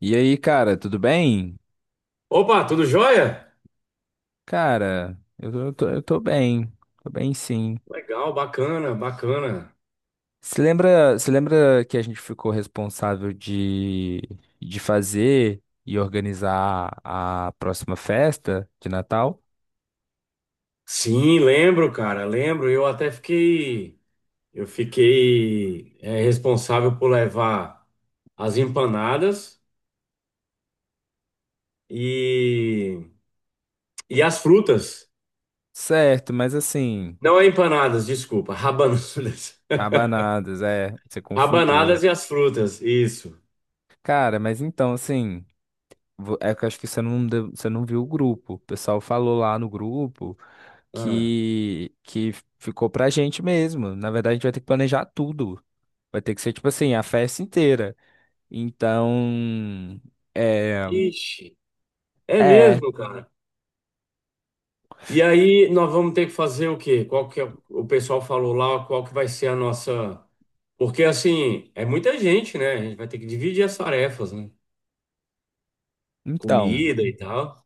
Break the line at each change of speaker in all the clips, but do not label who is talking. E aí, cara, tudo bem?
Opa, tudo jóia?
Cara, eu tô bem. Tô bem, sim.
Legal, bacana, bacana.
Você lembra que a gente ficou responsável de fazer e organizar a próxima festa de Natal?
Sim, lembro, cara, lembro. Eu fiquei responsável por levar as empanadas e, e as frutas.
Certo, mas assim,
Não é empanadas, desculpa, rabanadas.
rabanadas, é, você confundiu.
Rabanadas e as frutas, isso.
Cara, mas então, assim, é que eu acho que você não viu o grupo. O pessoal falou lá no grupo
Ah.
que ficou pra gente mesmo. Na verdade, a gente vai ter que planejar tudo. Vai ter que ser, tipo assim, a festa inteira. Então, é,
Ixi, é
é,
mesmo, cara. E aí nós vamos ter que fazer o quê? Qual que é, o pessoal falou lá, qual que vai ser a nossa. Porque assim, é muita gente, né? A gente vai ter que dividir as tarefas, né?
então,
Comida e tal.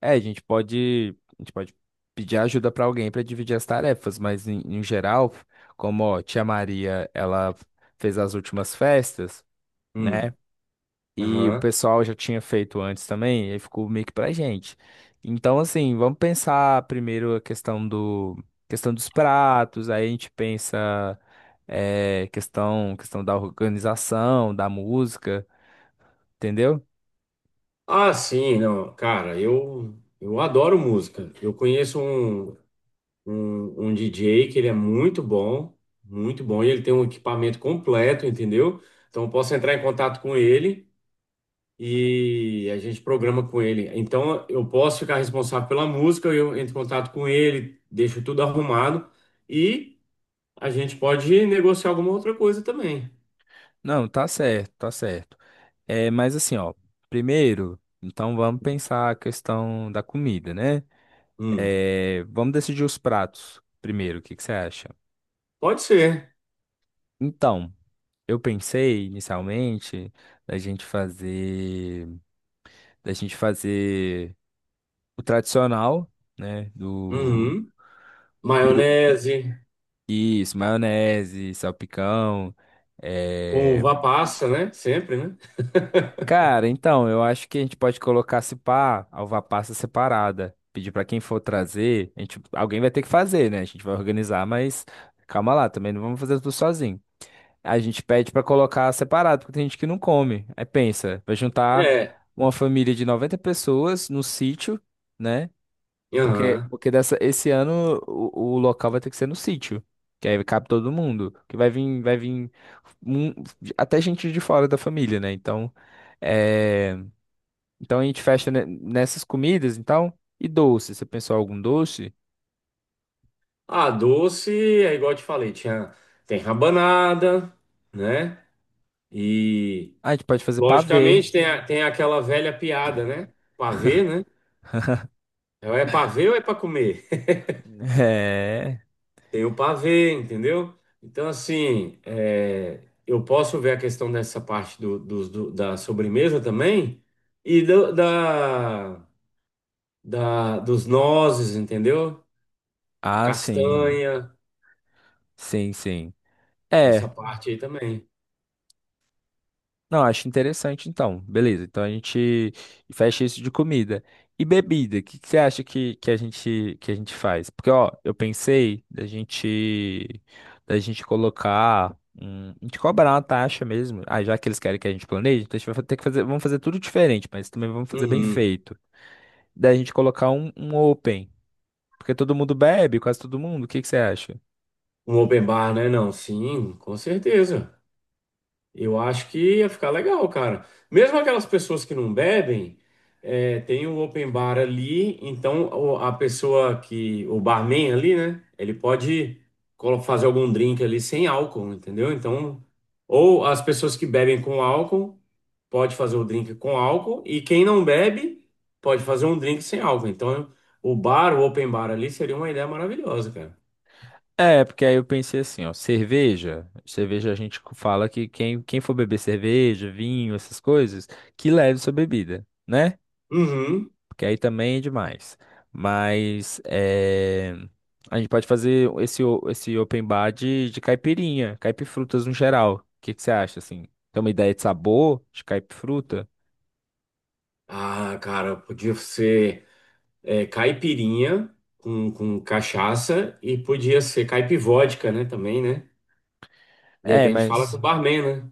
a gente pode pedir ajuda pra alguém pra dividir as tarefas, mas em geral, como, ó, tia Maria, ela fez as últimas festas, né?
Hum,
E o
aham.
pessoal já tinha feito antes também, e aí ficou meio que pra gente. Então, assim, vamos pensar primeiro a questão dos pratos, aí a gente pensa questão da organização, da música, entendeu?
Ah, sim, não. Cara, eu adoro música. Eu conheço um DJ que ele é muito bom, e ele tem um equipamento completo, entendeu? Então eu posso entrar em contato com ele e a gente programa com ele. Então eu posso ficar responsável pela música, eu entro em contato com ele, deixo tudo arrumado e a gente pode negociar alguma outra coisa também.
Não, tá certo, tá certo. É, mas assim, ó, primeiro, então vamos pensar a questão da comida, né?
Hum,
É, vamos decidir os pratos primeiro, o que que você acha?
pode ser.
Então. Eu pensei inicialmente da gente fazer, da gente fazer o tradicional, né, do
Uhum.
o peru,
Maionese
isso, maionese, salpicão.
com
é.
uva passa, né? Sempre, né?
Cara, então eu acho que a gente pode colocar se pá, alva passa separada. Pedir pra quem for trazer, a gente, alguém vai ter que fazer, né? A gente vai organizar, mas calma lá, também não vamos fazer tudo sozinho. A gente pede pra colocar separado, porque tem gente que não come. Aí pensa, vai juntar
É.
uma família de 90 pessoas no sítio, né? Porque,
Aham.
porque dessa, esse ano o local vai ter que ser no sítio. Que aí cabe todo mundo. Que vai vir um- até gente de fora da família, né? Então, é, então a gente fecha nessas comidas, então. E doce, você pensou algum doce?
Ah, doce é igual eu te falei, tem rabanada, né? E
Ah, a gente pode fazer pavê.
logicamente tem aquela velha piada, né? Pavê, né? É, ou é para ver ou é para comer?
É.
Tem o pavê, entendeu? Então, assim, eu posso ver a questão dessa parte da sobremesa também e dos nozes, entendeu?
Ah, sim.
Castanha,
Sim, sim.
essa
É.
parte aí também.
Não, acho interessante então. Beleza, então a gente fecha isso de comida. E bebida, o que que você acha que a gente faz? Porque ó, eu pensei da gente colocar um, a gente cobrar uma taxa mesmo. Ah, já que eles querem que a gente planeje, então a gente vai ter que fazer, vamos fazer tudo diferente, mas também vamos fazer bem
Uhum.
feito. Da gente colocar um open, porque todo mundo bebe, quase todo mundo. O que que você acha?
Um open bar, né? Não, sim, com certeza. Eu acho que ia ficar legal, cara. Mesmo aquelas pessoas que não bebem, tem o open bar ali, então a pessoa que, o barman ali, né? Ele pode fazer algum drink ali sem álcool, entendeu? Então, ou as pessoas que bebem com álcool, pode fazer o drink com álcool, e quem não bebe, pode fazer um drink sem álcool. Então, o open bar ali seria uma ideia maravilhosa, cara.
É, porque aí eu pensei assim, ó, cerveja a gente fala que quem for beber cerveja, vinho, essas coisas, que leve sua bebida, né?
Uhum.
Porque aí também é demais. Mas é, a gente pode fazer esse open bar de caipirinha, caipifrutas no geral. O que que você acha, assim? Tem uma ideia de sabor de caipifruta?
Ah, cara, podia ser. Caipirinha com cachaça e podia ser caipivódica, né? Também, né? De
É,
repente fala com o
mas...
barman, né?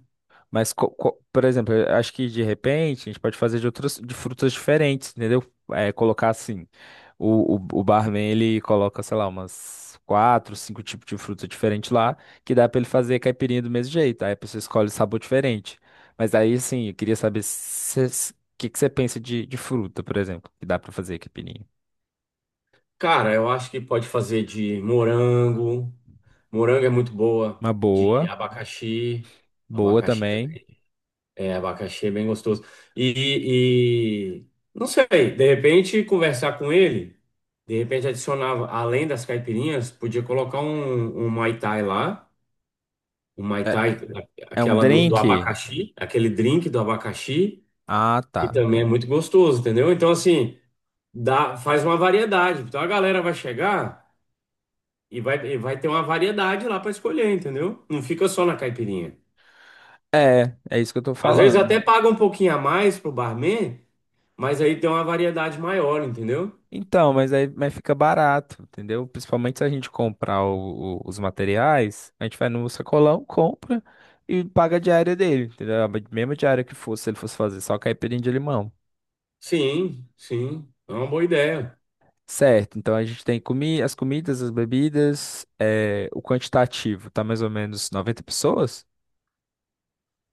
Mas, por exemplo, eu acho que de repente a gente pode fazer de outras de frutas diferentes, entendeu? É, colocar assim, o barman ele coloca, sei lá, umas quatro, cinco tipos de fruta diferente lá, que dá pra ele fazer caipirinha do mesmo jeito. Aí a pessoa escolhe sabor diferente. Mas aí, assim, eu queria saber o que que você pensa de fruta, por exemplo, que dá pra fazer caipirinha.
Cara, eu acho que pode fazer de morango. Morango é muito boa.
Uma
De
boa,
abacaxi.
boa
Abacaxi
também.
também. É, abacaxi é bem gostoso. E não sei, de repente conversar com ele. De repente adicionava, além das caipirinhas, podia colocar um Muay Thai lá. O Mai
É,
Tai,
é um
aquela do
drink?
abacaxi, aquele drink do abacaxi,
Ah,
que
tá.
também é muito gostoso, entendeu? Então, assim, dá, faz uma variedade. Então a galera vai chegar e vai ter uma variedade lá para escolher, entendeu? Não fica só na caipirinha.
É isso que eu tô
Às vezes
falando.
até paga um pouquinho a mais pro barman, mas aí tem uma variedade maior, entendeu?
Então, mas aí mas fica barato, entendeu? Principalmente se a gente comprar os materiais, a gente vai no sacolão, compra e paga a diária dele, entendeu? A mesma diária que fosse, se ele fosse fazer só caipirinha de limão.
Sim, sim, é uma boa ideia.
Certo, então a gente tem comi as comidas, as bebidas, o quantitativo, tá mais ou menos 90 pessoas?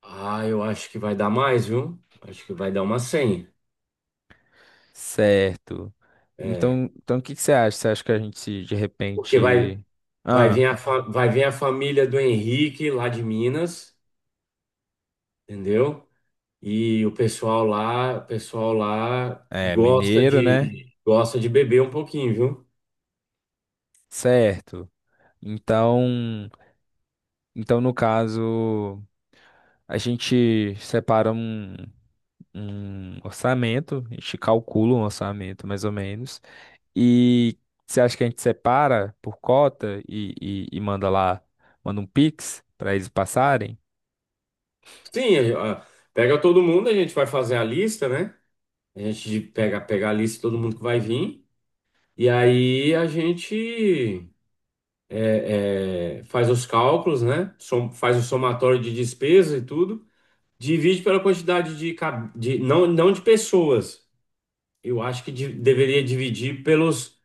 Ah, eu acho que vai dar mais, viu? Acho que vai dar uma 100.
Certo.
É,
Então, o que que você acha? Você acha que a gente se, de
porque
repente...
Vai vir
Ah,
a, fa- vai vir a família do Henrique lá de Minas, entendeu? E o pessoal lá
é
gosta
mineiro, né?
de gosta de beber um pouquinho, viu?
Certo. Então. Então, no caso, a gente separa um orçamento, a gente calcula um orçamento mais ou menos. E você acha que a gente separa por cota e manda lá, manda um Pix para eles passarem?
Sim, pega todo mundo, a gente vai fazer a lista, né? A gente pega a lista de todo mundo que vai vir. E aí a gente faz os cálculos, né? Faz o somatório de despesa e tudo. Divide pela quantidade de, não, não de pessoas. Eu acho que deveria dividir pelos,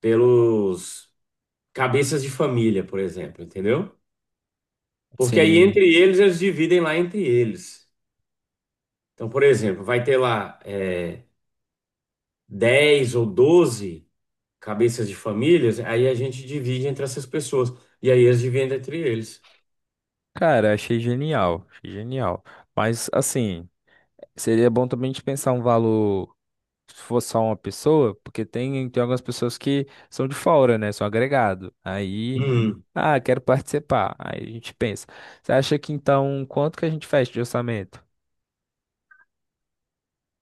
pelos cabeças de família, por exemplo, entendeu? Porque aí
Sim,
entre eles, eles dividem lá entre eles. Então, por exemplo, vai ter lá 10 ou 12 cabeças de famílias, aí a gente divide entre essas pessoas. E aí eles dividem entre eles.
cara, achei genial, achei genial. Mas assim, seria bom também a gente pensar um valor. Se fosse só uma pessoa, porque tem algumas pessoas que são de fora, né? São agregado. Aí
Hum.
Ah, quero participar. Aí a gente pensa. Você acha que então, quanto que a gente fecha de orçamento?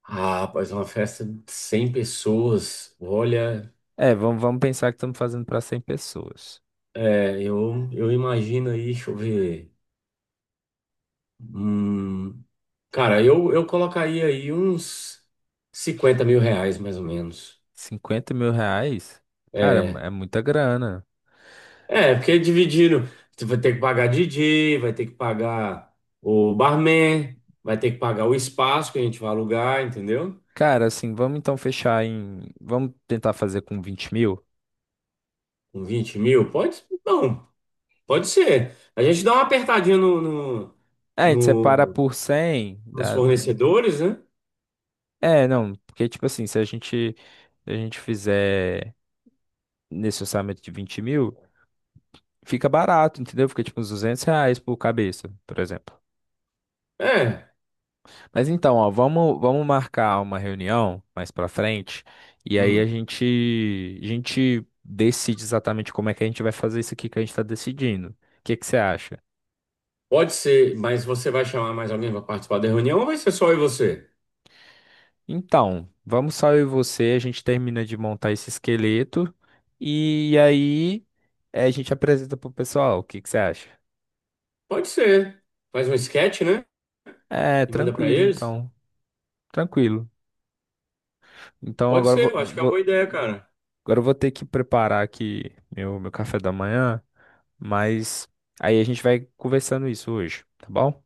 Ah, pois uma festa de 100 pessoas. Olha,
É, vamos pensar que estamos fazendo para 100 pessoas.
eu imagino aí, deixa eu ver. Hum, cara, eu colocaria aí uns R$ 50.000, mais ou menos.
R$ 50.000? Cara,
É,
é muita grana.
é, porque dividindo, você vai ter que pagar DJ, vai ter que pagar o barman, vai ter que pagar o espaço que a gente vai alugar, entendeu?
Cara, assim, vamos então fechar em. Vamos tentar fazer com 20.000?
Com 20 mil, pode? Não, pode ser. A gente dá uma apertadinha
É, a gente separa
no-
por 100.
nos fornecedores, né?
É, não, porque, tipo assim, se a gente fizer nesse orçamento de 20.000, fica barato, entendeu? Fica tipo uns R$ 200 por cabeça, por exemplo.
É,
Mas então, ó, vamos marcar uma reunião mais pra frente e aí a
hum,
gente, a gente decide exatamente como é que a gente vai fazer isso aqui que a gente tá decidindo. O que que você acha?
pode ser, mas você vai chamar mais alguém para participar da reunião ou vai ser só eu e você?
Então, vamos só eu e você, a gente termina de montar esse esqueleto e aí a gente apresenta pro pessoal. O que que você acha?
Pode ser. Faz um sketch, né?
É,
E manda pra
tranquilo,
eles.
então. Tranquilo. Então
Pode
agora
ser, eu acho que é uma boa ideia, cara.
eu vou ter que preparar aqui meu café da manhã. Mas aí a gente vai conversando isso hoje, tá bom?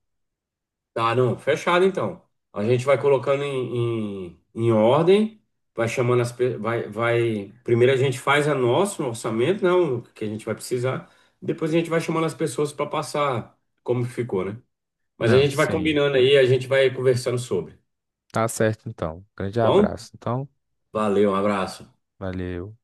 Tá, não, fechado então. A gente vai colocando em ordem, vai chamando as pe- vai. Primeiro a gente faz a nosso orçamento, né? O que a gente vai precisar. Depois a gente vai chamando as pessoas para passar como ficou, né? Mas a
Não,
gente vai
sim.
combinando aí, a gente vai conversando sobre. Tá
Tá certo então. Grande
bom?
abraço, então.
Valeu, um abraço.
Valeu.